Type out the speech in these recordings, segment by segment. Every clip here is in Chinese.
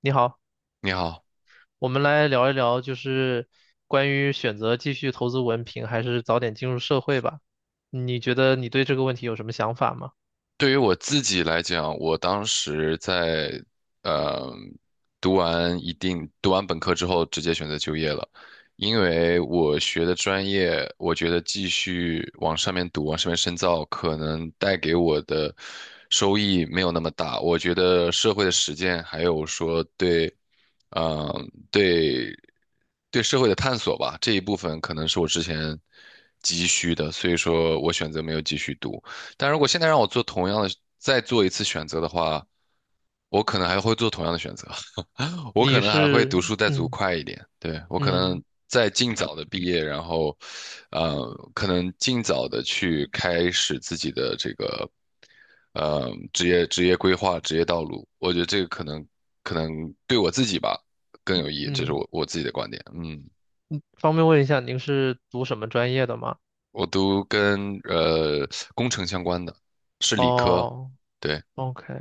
你好，你好。我们来聊一聊，就是关于选择继续投资文凭还是早点进入社会吧。你觉得你对这个问题有什么想法吗？对于我自己来讲，我当时在呃读完一定读完本科之后，直接选择就业了。因为我学的专业，我觉得继续往上面读，往上面深造，可能带给我的收益没有那么大。我觉得社会的实践，还有说对，嗯，对对社会的探索吧，这一部分可能是我之前急需的，所以说我选择没有继续读。但如果现在让我做同样的，再做一次选择的话，我可能还会做同样的选择。我可你能还会读是，书再读快一点，对，我可嗯能再尽早的毕业，然后，可能尽早的去开始自己的这个，职业规划、职业道路。我觉得这个可能对我自己吧更有意义，这是嗯，我自己的观点。嗯，方便问一下您是读什么专业的吗？我读跟工程相关的，是理科，哦，对。OK，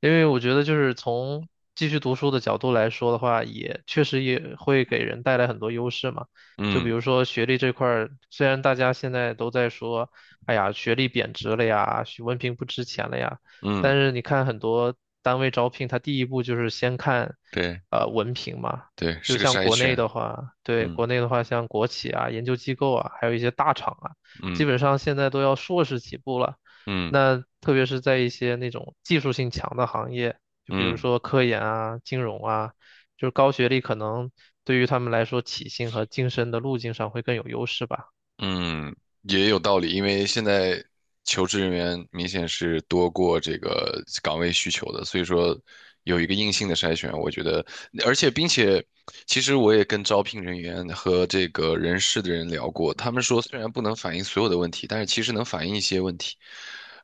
因为我觉得就是从继续读书的角度来说的话，也确实也会给人带来很多优势嘛。就比嗯。如说学历这块儿，虽然大家现在都在说，哎呀，学历贬值了呀，学文凭不值钱了呀，嗯，但是你看很多单位招聘，它第一步就是先看对文凭嘛。对，就是个像筛国内选。的话，对，嗯国内的话，像国企啊、研究机构啊，还有一些大厂啊，基嗯本上现在都要硕士起步了。嗯那特别是在一些那种技术性强的行业，就比如嗯。说科研啊、金融啊，就是高学历可能对于他们来说，起薪和晋升的路径上会更有优势吧。嗯，也有道理。因为现在求职人员明显是多过这个岗位需求的，所以说有一个硬性的筛选，我觉得，而且并且，其实我也跟招聘人员和这个人事的人聊过，他们说虽然不能反映所有的问题，但是其实能反映一些问题。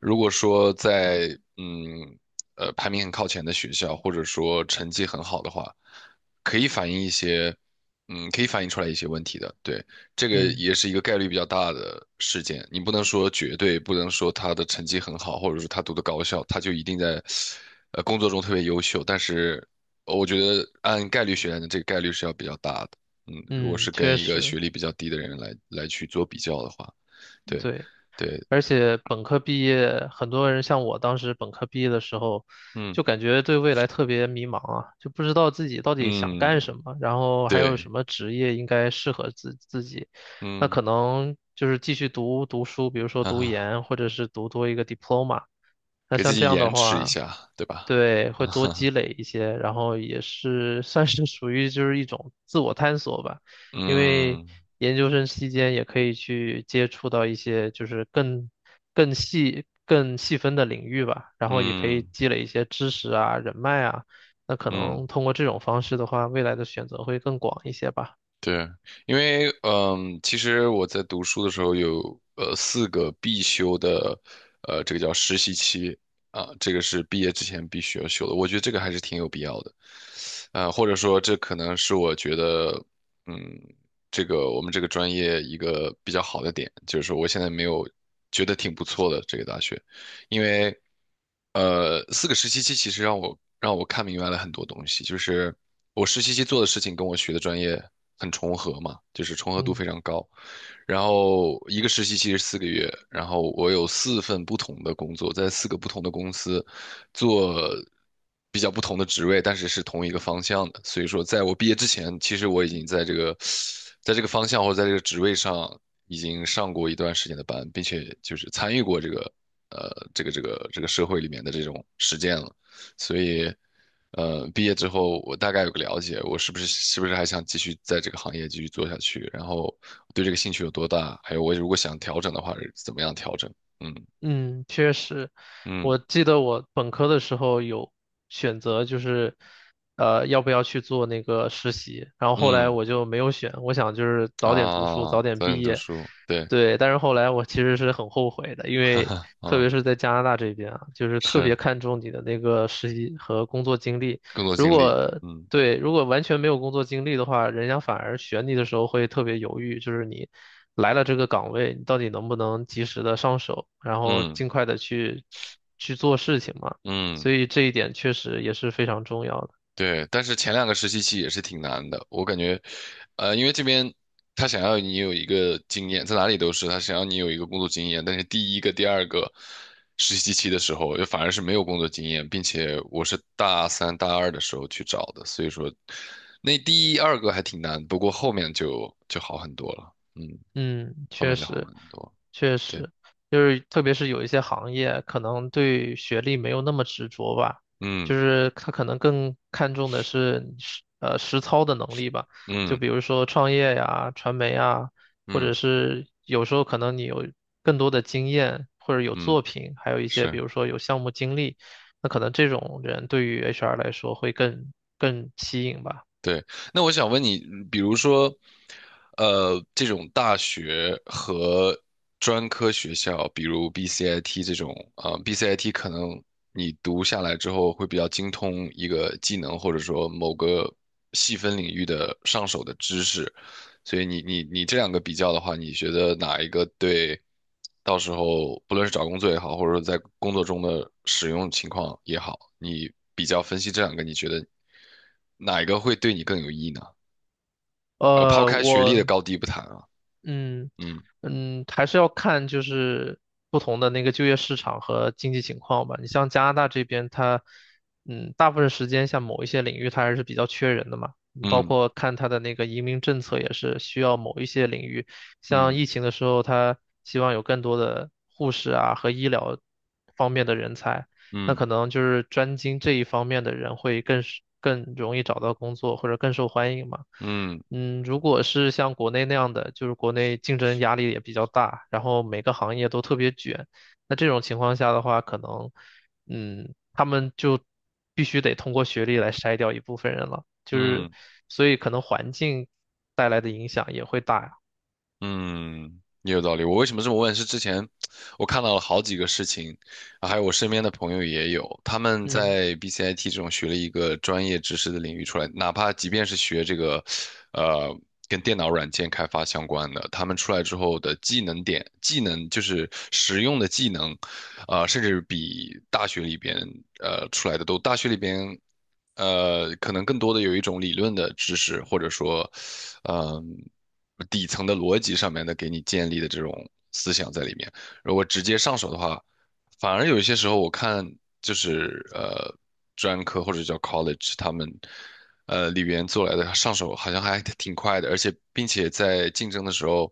如果说在嗯排名很靠前的学校，或者说成绩很好的话，可以反映一些，嗯，可以反映出来一些问题的，对。这个嗯也是一个概率比较大的事件，你不能说绝对，不能说他的成绩很好，或者说他读的高校，他就一定在，工作中特别优秀。但是，我觉得按概率学来的这个概率是要比较大的。嗯，如果嗯，是跟确一个学实，历比较低的人来去做比较的话，对，对。对，而且本科毕业，很多人像我当时本科毕业的时候，嗯就感觉对未来特别迷茫啊，就不知道自己到底想嗯，干什么，然后还有什对，么职业应该适合自己。那嗯，可能就是继续读书，比如说哈读哈，研，或者是读多一个 diploma。那给自像这己样的延迟一话，下，对吧？对，会啊多哈，积累一些，然后也是算是属于就是一种自我探索吧，因为嗯研究生期间也可以去接触到一些就是更更细分的领域吧，然后也可嗯以积累一些知识啊、人脉啊，那可嗯。能通过这种方式的话，未来的选择会更广一些吧。对，因为其实我在读书的时候有四个必修的，这个叫实习期啊，这个是毕业之前必须要修的。我觉得这个还是挺有必要的，或者说这可能是我觉得嗯，这个我们这个专业一个比较好的点，就是说我现在没有觉得挺不错的这个大学。因为四个实习期其实让我看明白了很多东西，就是我实习期做的事情跟我学的专业很重合嘛，就是重合度嗯。非常高。然后一个实习期是4个月，然后我有四份不同的工作，在四个不同的公司，做比较不同的职位，但是是同一个方向的。所以说，在我毕业之前，其实我已经在这个，在这个方向或者在这个职位上已经上过一段时间的班，并且就是参与过这个，这个社会里面的这种实践了。所以，毕业之后我大概有个了解，我是不是还想继续在这个行业继续做下去，然后我对这个兴趣有多大，还有我如果想调整的话是怎么样调整。嗯嗯，确实，嗯我记得我本科的时候有选择，就是要不要去做那个实习，然后后来嗯。我就没有选，我想就是早点读书，啊，早点早毕点读业，书，对，对，但是后来我其实是很后悔的，因哈为哈，特啊，别是在加拿大这边啊，就是特别是看重你的那个实习和工作经历，更多如经历，果嗯对，如果完全没有工作经历的话，人家反而选你的时候会特别犹豫，就是你来了这个岗位，你到底能不能及时的上手，然后嗯尽快的去去做事情嘛。嗯，所以这一点确实也是非常重要的。对。但是前两个实习期也是挺难的，我感觉，因为这边他想要你有一个经验，在哪里都是他想要你有一个工作经验，但是第一个、第二个实习期的时候，又反而是没有工作经验，并且我是大三、大二的时候去找的，所以说那第一、二个还挺难，不过后面就好很多了。嗯，嗯，后确面就好实，很多，确对。实，就是特别是有一些行业，可能对学历没有那么执着吧，嗯。就是他可能更看重的是你实操的能力吧，就嗯比如说创业呀、传媒啊，或嗯者是有时候可能你有更多的经验，或者有嗯，作品，还有一些比是，如说有项目经历，那可能这种人对于 HR 来说会更更吸引吧。对。那我想问你，比如说，这种大学和专科学校，比如 BCIT 这种啊，BCIT 可能你读下来之后会比较精通一个技能，或者说某个细分领域的上手的知识，所以你这两个比较的话，你觉得哪一个对到时候不论是找工作也好，或者说在工作中的使用情况也好，你比较分析这两个，你觉得哪一个会对你更有意义呢？抛呃，开学历的我高低不谈啊，嗯嗯嗯，还是要看就是不同的那个就业市场和经济情况吧。你像加拿大这边，它嗯大部分时间像某一些领域它还是比较缺人的嘛，你包嗯括看它的那个移民政策也是需要某一些领域，像嗯疫情的时候，它希望有更多的护士啊和医疗方面的人才，那嗯可能就是专精这一方面的人会更是更容易找到工作或者更受欢迎嘛。嗯嗯，如果是像国内那样的，就是国内竞争压力也比较大，然后每个行业都特别卷，那这种情况下的话，可能，嗯，他们就必须得通过学历来筛掉一部分人了，就是，嗯所以可能环境带来的影响也会大呀。嗯，也有道理。我为什么这么问？是之前我看到了好几个事情，啊还有我身边的朋友也有，他们嗯在 BCIT 这种学了一个专业知识的领域出来，哪怕即便是学这个，呃，跟电脑软件开发相关的，他们出来之后的技能点、技能就是实用的技能，甚至比大学里边出来的都，大学里边，可能更多的有一种理论的知识，或者说，嗯、底层的逻辑上面的给你建立的这种思想在里面。如果直接上手的话，反而有一些时候我看就是专科或者叫 college 他们。里边做来的上手好像还挺快的，而且并且在竞争的时候，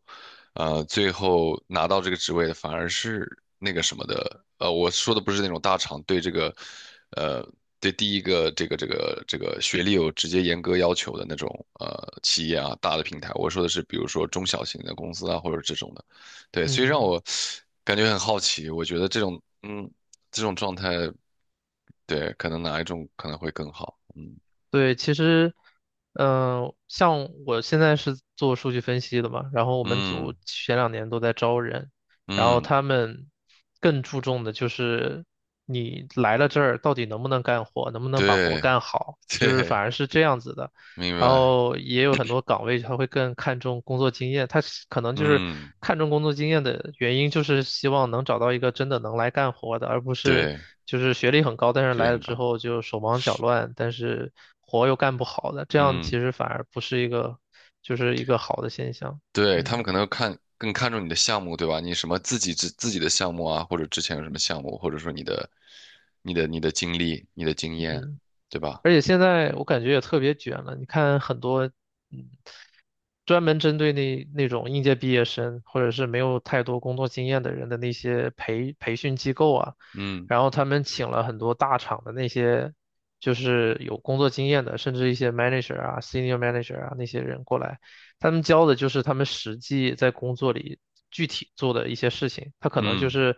最后拿到这个职位的反而是那个什么的，我说的不是那种大厂对这个，呃，对第一个这个学历有直接严格要求的那种企业啊，大的平台，我说的是比如说中小型的公司啊，或者这种的，对，所以让嗯。我感觉很好奇。我觉得这种状态，对，可能哪一种可能会更好，嗯对，其实，嗯、像我现在是做数据分析的嘛，然后我们嗯组前两年都在招人，然后嗯，他们更注重的就是你来了这儿到底能不能干活，能不能把活对 干好，就是反对，而是这样子的。明然白，后也有很多岗位他会更看重工作经验，他是可能就是嗯看重工作经验的原因，就是希望能找到一个真的能来干活的，而不是对，就是学历很高，但是学历来了很之高。后就手忙脚乱，但是活又干不好的，这样其嗯，实反而不是一个就是一个好的现象。对，他们嗯可能更看重你的项目，对吧？你什么自己自己的项目啊，或者之前有什么项目，或者说你的经历、你的经验，嗯，对吧？而且现在我感觉也特别卷了，你看很多。嗯。专门针对那种应届毕业生或者是没有太多工作经验的人的那些培训机构啊，嗯然后他们请了很多大厂的那些就是有工作经验的，甚至一些 manager 啊、senior manager 啊那些人过来，他们教的就是他们实际在工作里。具体做的一些事情，他可能就嗯，是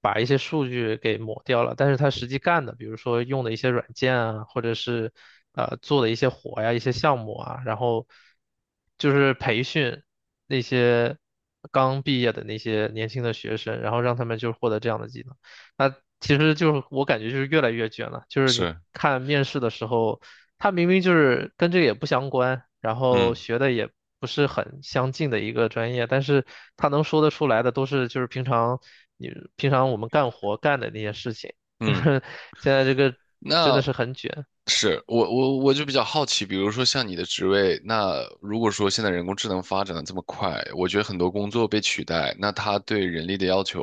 把一些数据给抹掉了，但是他实际干的，比如说用的一些软件啊，或者是做的一些活呀、一些项目啊，然后就是培训那些刚毕业的那些年轻的学生，然后让他们就获得这样的技能。那其实就是我感觉就是越来越卷了，就是你是，看面试的时候。他明明就是跟这个也不相关，然后嗯学的也不是很相近的一个专业，但是他能说得出来的都是就是平常你平常我们干活干的那些事情，就嗯。是现在这个真那的是很卷。是我就比较好奇，比如说像你的职位，那如果说现在人工智能发展的这么快，我觉得很多工作被取代，那它对人力的要求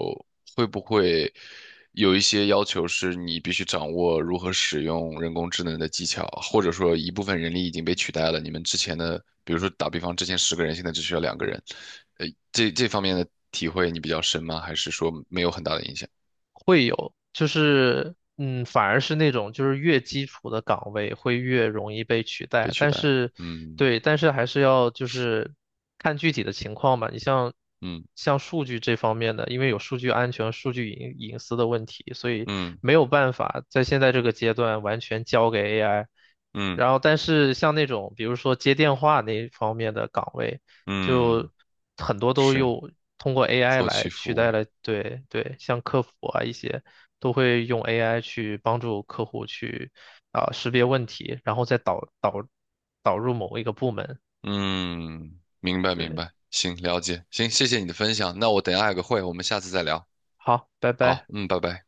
会不会有一些要求是你必须掌握如何使用人工智能的技巧，或者说一部分人力已经被取代了，你们之前的，比如说打比方，之前十个人，现在只需要两个人，这方面的体会你比较深吗？还是说没有很大的影响，会有，就是嗯，反而是那种就是越基础的岗位会越容易被取被代，取但代？是嗯对，但是还是要就是看具体的情况吧。你像嗯像数据这方面的，因为有数据安全、数据隐私的问题，所以嗯没有办法在现在这个阶段完全交给 AI。嗯。然后，但是像那种比如说接电话那一方面的岗位。嗯，就很多都是用通过 AI 后期来服取代务。了，对对，像客服啊一些都会用 AI 去帮助客户去啊、识别问题，然后再导入某一个部门。嗯，明白明对，白，行，了解，行，谢谢你的分享。那我等一下还有个会，我们下次再聊。好，拜好，拜。嗯，拜拜。